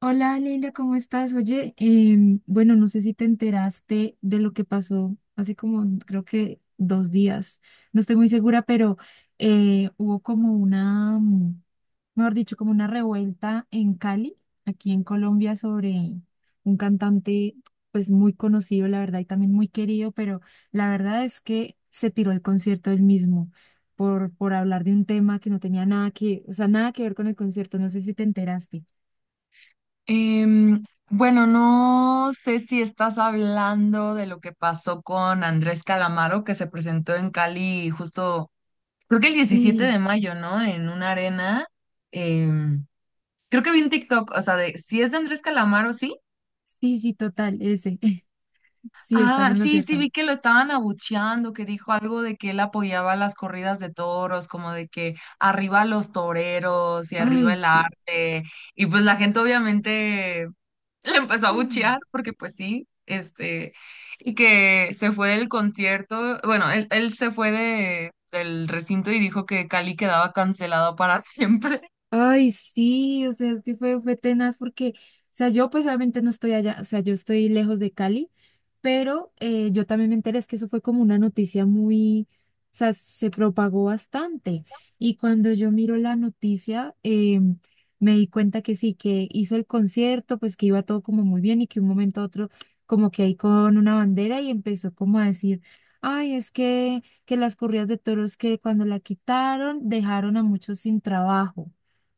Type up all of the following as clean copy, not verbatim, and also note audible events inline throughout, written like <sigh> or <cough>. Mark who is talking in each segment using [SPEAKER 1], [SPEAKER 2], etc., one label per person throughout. [SPEAKER 1] Hola Leila, ¿cómo estás? Oye, bueno, no sé si te enteraste de lo que pasó hace como creo que 2 días, no estoy muy segura, pero hubo como una, mejor dicho, como una revuelta en Cali, aquí en Colombia, sobre un cantante pues muy conocido, la verdad, y también muy querido, pero la verdad es que se tiró el concierto él mismo por hablar de un tema que no tenía nada que, o sea, nada que ver con el concierto, no sé si te enteraste.
[SPEAKER 2] Em, bueno, no sé si estás hablando de lo que pasó con Andrés Calamaro, que se presentó en Cali justo, creo que el 17
[SPEAKER 1] <clears throat>
[SPEAKER 2] de
[SPEAKER 1] <laughs>
[SPEAKER 2] mayo, ¿no? En una arena. Em, Creo que vi un TikTok, o sea, de si es de Andrés Calamaro, ¿sí?
[SPEAKER 1] Sí, sí, total, ese. <laughs> Sí, estás
[SPEAKER 2] Ah,
[SPEAKER 1] en lo
[SPEAKER 2] sí, sí,
[SPEAKER 1] cierto.
[SPEAKER 2] vi que lo estaban abucheando, que dijo algo de que él apoyaba las corridas de toros, como de que arriba los toreros y
[SPEAKER 1] Ay,
[SPEAKER 2] arriba el
[SPEAKER 1] sí.
[SPEAKER 2] arte. Y pues la gente obviamente le empezó a buchear porque pues sí, este, y que se fue del concierto, bueno, él se fue de, del recinto y dijo que Cali quedaba cancelado para <laughs> siempre.
[SPEAKER 1] Ay, sí, o sea, es que fue tenaz porque, o sea, yo pues obviamente no estoy allá, o sea, yo estoy lejos de Cali, pero yo también me enteré, es que eso fue como una noticia muy, o sea, se propagó bastante. Y cuando yo miro la noticia, me di cuenta que sí, que hizo el concierto, pues que iba todo como muy bien y que un momento a otro, como que ahí con una bandera y empezó como a decir, ay, es que las corridas de toros que cuando la quitaron dejaron a muchos sin trabajo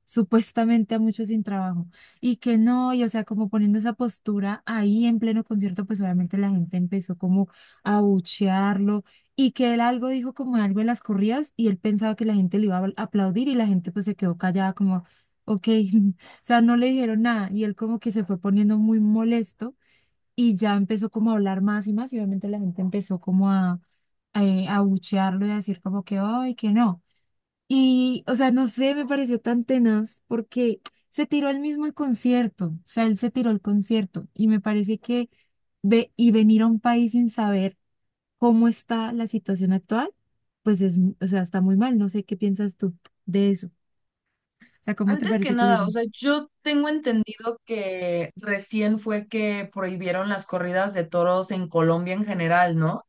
[SPEAKER 1] supuestamente a muchos sin trabajo y que no, y o sea, como poniendo esa postura ahí en pleno concierto, pues obviamente la gente empezó como a abuchearlo y que él algo dijo como algo en las corridas y él pensaba que la gente le iba a aplaudir y la gente pues se quedó callada como, ok, <laughs> o sea, no le dijeron nada y él como que se fue poniendo muy molesto y ya empezó como a hablar más y más y obviamente la gente empezó como a, a abuchearlo y a decir como que, ay, que no. Y, o sea, no sé, me pareció tan tenaz porque se tiró él mismo el concierto, o sea, él se tiró el concierto y me parece que ve y venir a un país sin saber cómo está la situación actual, pues es, o sea, está muy mal, no sé qué piensas tú de eso, o sea, ¿cómo te
[SPEAKER 2] Antes que
[SPEAKER 1] parece que lo
[SPEAKER 2] nada,
[SPEAKER 1] hizo?
[SPEAKER 2] o sea, yo tengo entendido que recién fue que prohibieron las corridas de toros en Colombia en general, ¿no?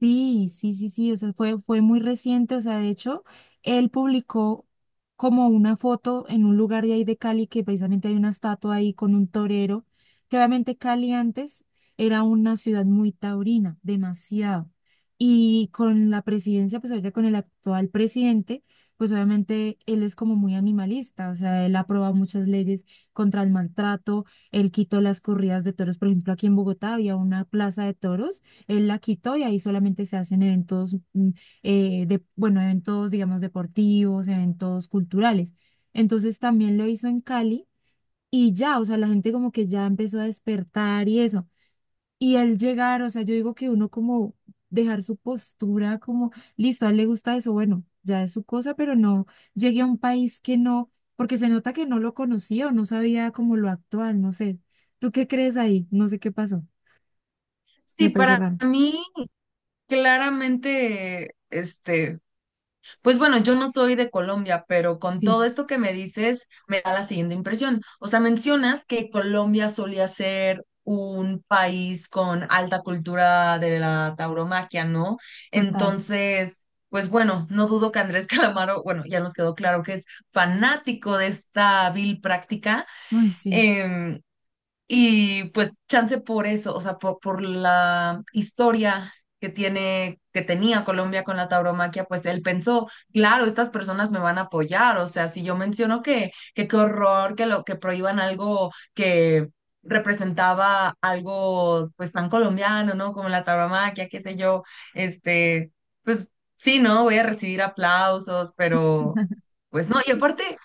[SPEAKER 1] Sí, sí, sí, sí, o sea, fue muy reciente, o sea, de hecho, él publicó como una foto en un lugar de ahí de Cali, que precisamente hay una estatua ahí con un torero, que obviamente Cali antes era una ciudad muy taurina, demasiado. Y con la presidencia, pues ahorita con el actual presidente, pues obviamente él es como muy animalista, o sea, él aprueba muchas leyes contra el maltrato, él quitó las corridas de toros, por ejemplo, aquí en Bogotá había una plaza de toros él la quitó y ahí solamente se hacen eventos, de, bueno, eventos, digamos, deportivos, eventos culturales. Entonces también lo hizo en Cali y ya, o sea, la gente como que ya empezó a despertar y eso. Y él llegar, o sea, yo digo que uno como dejar su postura como, listo, a él le gusta eso, bueno, ya es su cosa, pero no llegué a un país que no, porque se nota que no lo conocía o no sabía como lo actual, no sé. ¿Tú qué crees ahí? No sé qué pasó. Me
[SPEAKER 2] Sí,
[SPEAKER 1] pareció
[SPEAKER 2] para
[SPEAKER 1] raro.
[SPEAKER 2] mí claramente, este, pues bueno, yo no soy de Colombia, pero con todo
[SPEAKER 1] Sí,
[SPEAKER 2] esto que me dices, me da la siguiente impresión. O sea, mencionas que Colombia solía ser un país con alta cultura de la tauromaquia, ¿no?
[SPEAKER 1] total.
[SPEAKER 2] Entonces, pues bueno, no dudo que Andrés <laughs> Calamaro, bueno, ya nos quedó claro que es fanático de esta vil práctica.
[SPEAKER 1] Uy, sí,
[SPEAKER 2] em, y pues chance por eso, o sea, por la historia que tiene, que tenía Colombia con la tauromaquia, pues él pensó, claro, estas personas me van a apoyar, o sea, si yo menciono que qué horror, que lo que prohíban algo que representaba algo pues tan colombiano, ¿no? Como la tauromaquia, qué sé yo, este, pues sí, ¿no? Voy a recibir aplausos, pero pues no, y aparte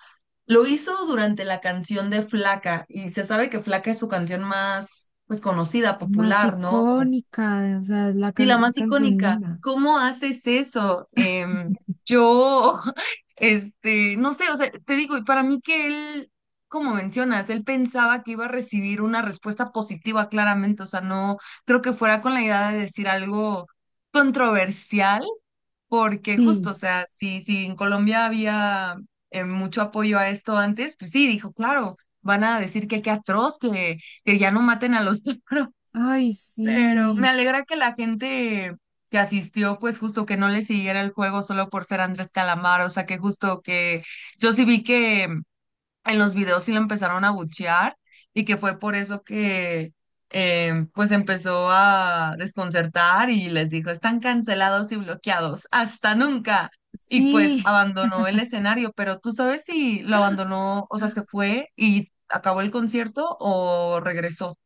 [SPEAKER 2] lo hizo durante la canción de Flaca y se sabe que Flaca es su canción más, pues, conocida,
[SPEAKER 1] más
[SPEAKER 2] popular, ¿no? Como,
[SPEAKER 1] icónica, o sea, la
[SPEAKER 2] sí, la
[SPEAKER 1] es
[SPEAKER 2] más
[SPEAKER 1] canción
[SPEAKER 2] icónica.
[SPEAKER 1] linda.
[SPEAKER 2] ¿Cómo haces eso? Yo, <laughs> este, no sé, o sea, te digo, y para mí que él, como mencionas, él pensaba que iba a recibir una respuesta positiva claramente, o sea, no creo que fuera con la idea de decir algo controversial porque justo,
[SPEAKER 1] Sí,
[SPEAKER 2] o sea, si en Colombia había mucho apoyo a esto antes, pues sí, dijo, claro, van a decir que qué atroz, que ya no maten a los toros. <laughs>
[SPEAKER 1] ay,
[SPEAKER 2] Pero me
[SPEAKER 1] sí,
[SPEAKER 2] alegra que la gente que asistió, pues justo que no le siguiera el juego solo por ser Andrés Calamar, o sea, que justo que yo sí vi que en los videos sí lo empezaron a buchear y que fue por eso que pues empezó a desconcertar y les dijo, están cancelados y bloqueados, hasta nunca. Y pues
[SPEAKER 1] sí,
[SPEAKER 2] abandonó el escenario, pero tú sabes si lo abandonó, o sea, se fue y acabó el concierto o regresó.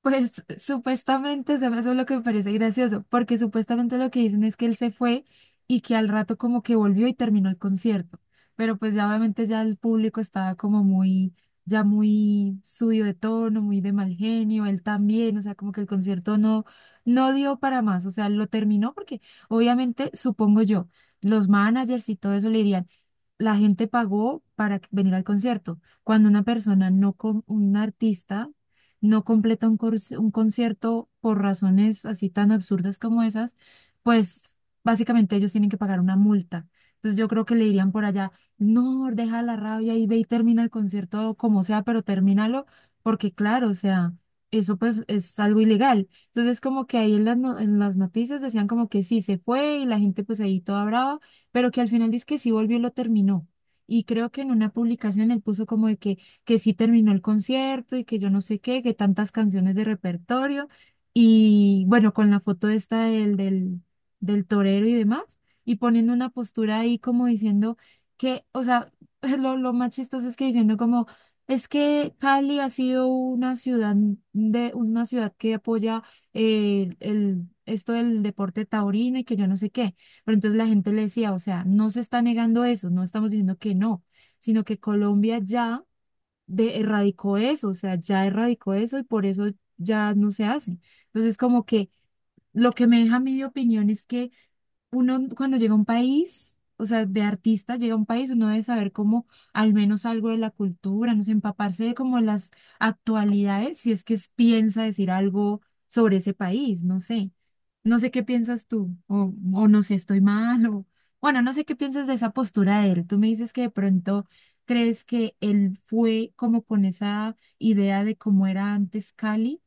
[SPEAKER 1] pues supuestamente, o sea, eso es lo que me parece gracioso, porque supuestamente lo que dicen es que él se fue y que al rato como que volvió y terminó el concierto, pero pues ya obviamente ya el público estaba como muy, ya muy subido de tono, muy de mal genio, él también, o sea, como que el concierto no dio para más, o sea, lo terminó porque obviamente, supongo yo, los managers y todo eso le dirían, la gente pagó para venir al concierto, cuando una persona no, con un artista no completa un concierto por razones así tan absurdas como esas, pues básicamente ellos tienen que pagar una multa. Entonces yo creo que le dirían por allá, no, deja la rabia y ve y termina el concierto como sea, pero termínalo, porque claro, o sea, eso pues es algo ilegal. Entonces como que ahí en las, no- en las noticias decían como que sí, se fue y la gente pues ahí toda brava, pero que al final dice que sí volvió y lo terminó. Y creo que en una publicación él puso como de que sí terminó el concierto y que yo no sé qué, que tantas canciones de repertorio y bueno, con la foto esta del, del torero y demás, y poniendo una postura ahí como diciendo que, o sea, <laughs> lo más chistoso es que diciendo como, es que Cali ha sido una ciudad de, una ciudad que apoya el, esto del deporte taurino y que yo no sé qué. Pero entonces la gente le decía, o sea, no se está negando eso, no estamos diciendo que no, sino que Colombia ya de erradicó eso, o sea, ya erradicó eso y por eso ya no se hace. Entonces, como que lo que me deja mi opinión es que uno cuando llega a un país, o sea, de artista llega a un país, uno debe saber como al menos algo de la cultura, no sé, empaparse de como las actualidades, si es que piensa decir algo sobre ese país, no sé. No sé qué piensas tú, o no sé, estoy mal, o bueno, no sé qué piensas de esa postura de él. Tú me dices que de pronto crees que él fue como con esa idea de cómo era antes Cali,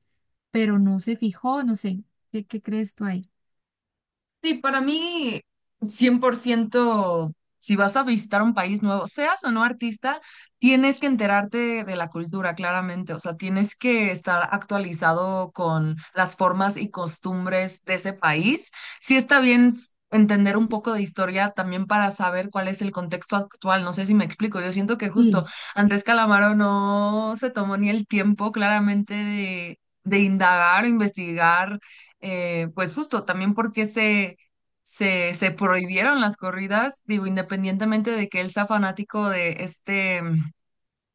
[SPEAKER 1] pero no se fijó, no sé, ¿qué crees tú ahí?
[SPEAKER 2] Sí, para mí, 100%. Si vas a visitar un país nuevo, seas o no artista, tienes que enterarte de la cultura, claramente. O sea, tienes que estar actualizado con las formas y costumbres de ese país. Sí está bien entender un poco de historia también para saber cuál es el contexto actual. No sé si me explico. Yo siento que
[SPEAKER 1] Sí,
[SPEAKER 2] justo Andrés Calamaro no se tomó ni el tiempo, claramente, de indagar o investigar, pues justo también porque se prohibieron las corridas, digo, independientemente de que él sea fanático de este,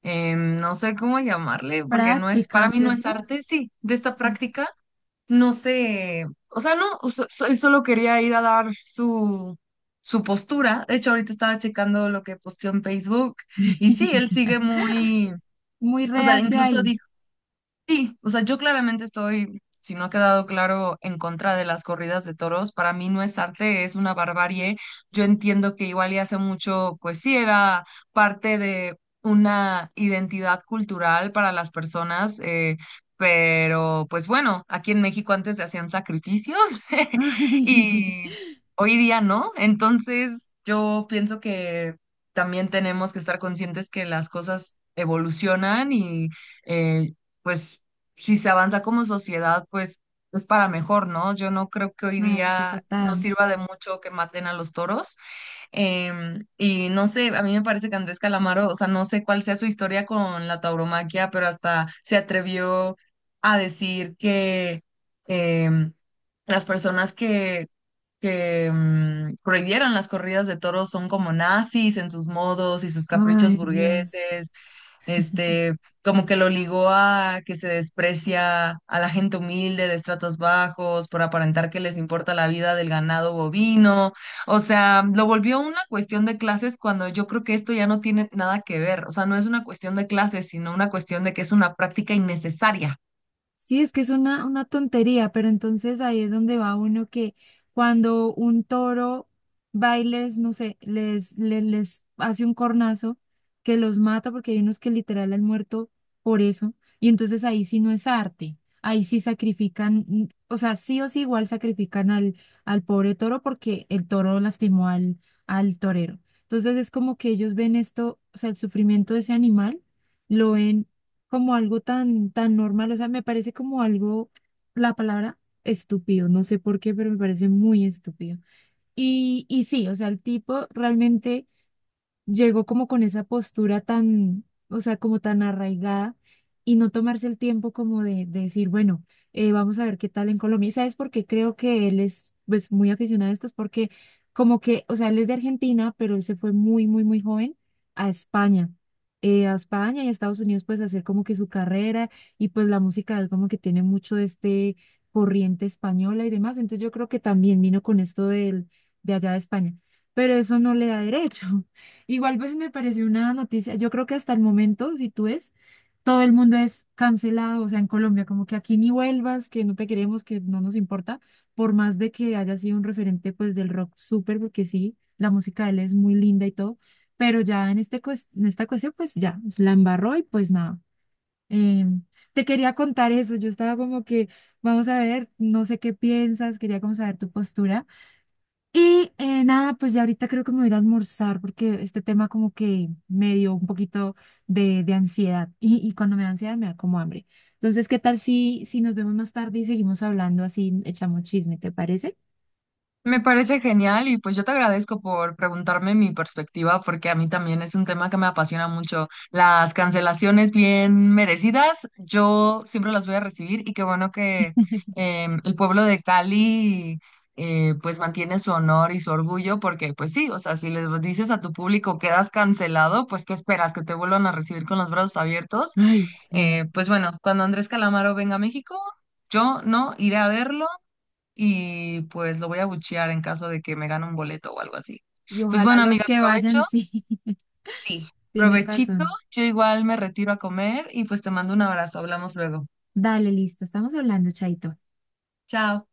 [SPEAKER 2] no sé cómo llamarle, porque no es,
[SPEAKER 1] práctica,
[SPEAKER 2] para mí no es
[SPEAKER 1] ¿cierto?
[SPEAKER 2] arte, sí, de esta
[SPEAKER 1] Sí.
[SPEAKER 2] práctica, no sé, o sea, no, él solo quería ir a dar su, su postura, de hecho ahorita estaba checando lo que posteó en Facebook, y sí, él
[SPEAKER 1] <laughs>
[SPEAKER 2] sigue muy...
[SPEAKER 1] Muy
[SPEAKER 2] O sea,
[SPEAKER 1] reacio
[SPEAKER 2] incluso
[SPEAKER 1] ahí.
[SPEAKER 2] sí, o sea, yo claramente estoy, si no ha quedado claro, en contra de las corridas de toros. Para mí no es arte, es una barbarie. Yo entiendo que igual y hace mucho, pues sí, era parte de una identidad cultural para las personas, pero pues bueno, aquí en México antes se hacían sacrificios
[SPEAKER 1] <laughs>
[SPEAKER 2] <laughs>
[SPEAKER 1] Ay,
[SPEAKER 2] y hoy día no. Entonces yo pienso que también tenemos que estar conscientes que las cosas evolucionan y... eh, pues si se avanza como sociedad, pues es para mejor, ¿no? Yo no creo que hoy
[SPEAKER 1] ay, sí,
[SPEAKER 2] día nos
[SPEAKER 1] total.
[SPEAKER 2] sirva de mucho que maten a los toros. Y no sé, a mí me parece que Andrés Calamaro, o sea, no sé cuál sea su historia con la tauromaquia, pero hasta se atrevió a decir que, em, las personas que prohibieron las corridas de toros son como nazis en sus modos y sus caprichos
[SPEAKER 1] Ay, Dios.
[SPEAKER 2] burgueses, este, como que lo ligó a que se desprecia a la gente humilde de estratos bajos por aparentar que les importa la vida del ganado bovino, o sea, lo volvió una cuestión de clases cuando yo creo que esto ya no tiene nada que ver, o sea, no es una cuestión de clases, sino una cuestión de que es una práctica innecesaria.
[SPEAKER 1] Sí, es que es una tontería, pero entonces ahí es donde va uno que cuando un toro bailes, no sé, les hace un cornazo que los mata porque hay unos que literal han muerto por eso, y entonces ahí sí no es arte, ahí sí sacrifican, o sea, sí o sí igual sacrifican al, al, pobre toro porque el toro lastimó al torero. Entonces es como que ellos ven esto, o sea, el sufrimiento de ese animal, lo ven como algo tan, tan normal, o sea, me parece como algo, la palabra estúpido, no sé por qué, pero me parece muy estúpido. Y sí, o sea, el tipo realmente llegó como con esa postura tan, o sea, como tan arraigada y no tomarse el tiempo como de decir, bueno, vamos a ver qué tal en Colombia. ¿Y sabes por qué creo que él es pues muy aficionado a esto? Es porque como que, o sea, él es de Argentina, pero él se fue muy, muy, muy joven a España, a España y a Estados Unidos pues a hacer como que su carrera y pues la música de él como que tiene mucho de este corriente española y demás, entonces yo creo que también vino con esto de allá de España, pero eso no le da derecho. Igual pues me pareció una noticia, yo creo que hasta el momento, si tú ves, todo el mundo es cancelado, o sea, en Colombia, como que aquí ni vuelvas, que no te queremos, que no nos importa, por más de que haya sido un referente pues del rock súper, porque sí, la música de él es muy linda y todo, pero ya en esta cuestión pues ya, la embarró y pues nada. Eh, Te quería contar eso, yo estaba como que, vamos a ver, no sé qué piensas, quería como saber tu postura. Y nada, pues ya ahorita creo que me voy a ir a almorzar porque este tema como que me dio un poquito de, ansiedad y cuando me da ansiedad me da como hambre. Entonces, ¿qué tal si nos vemos más tarde y seguimos hablando así, echamos chisme, te parece?
[SPEAKER 2] Me parece genial y pues yo te agradezco por preguntarme mi perspectiva porque a mí también es un tema que me apasiona mucho. Las cancelaciones bien merecidas, yo siempre las voy a recibir y qué bueno que
[SPEAKER 1] <laughs>
[SPEAKER 2] el pueblo de Cali, pues mantiene su honor y su orgullo porque pues sí, o sea, si les dices a tu público quedas cancelado, pues ¿qué esperas? ¿Que te vuelvan a recibir con los brazos abiertos?
[SPEAKER 1] Ay, sí.
[SPEAKER 2] Pues bueno, cuando Andrés Calamaro venga a México, yo no iré a verlo y pues lo voy a buchear en caso de que me gane un boleto o algo así.
[SPEAKER 1] Y
[SPEAKER 2] Pues
[SPEAKER 1] ojalá
[SPEAKER 2] bueno,
[SPEAKER 1] los
[SPEAKER 2] amiga,
[SPEAKER 1] que vayan,
[SPEAKER 2] provecho.
[SPEAKER 1] sí, <laughs>
[SPEAKER 2] Sí,
[SPEAKER 1] tienes
[SPEAKER 2] provechito.
[SPEAKER 1] razón.
[SPEAKER 2] Yo igual me retiro a comer y pues te mando un abrazo. Hablamos luego.
[SPEAKER 1] Dale, listo, estamos hablando, Chaito.
[SPEAKER 2] Chao.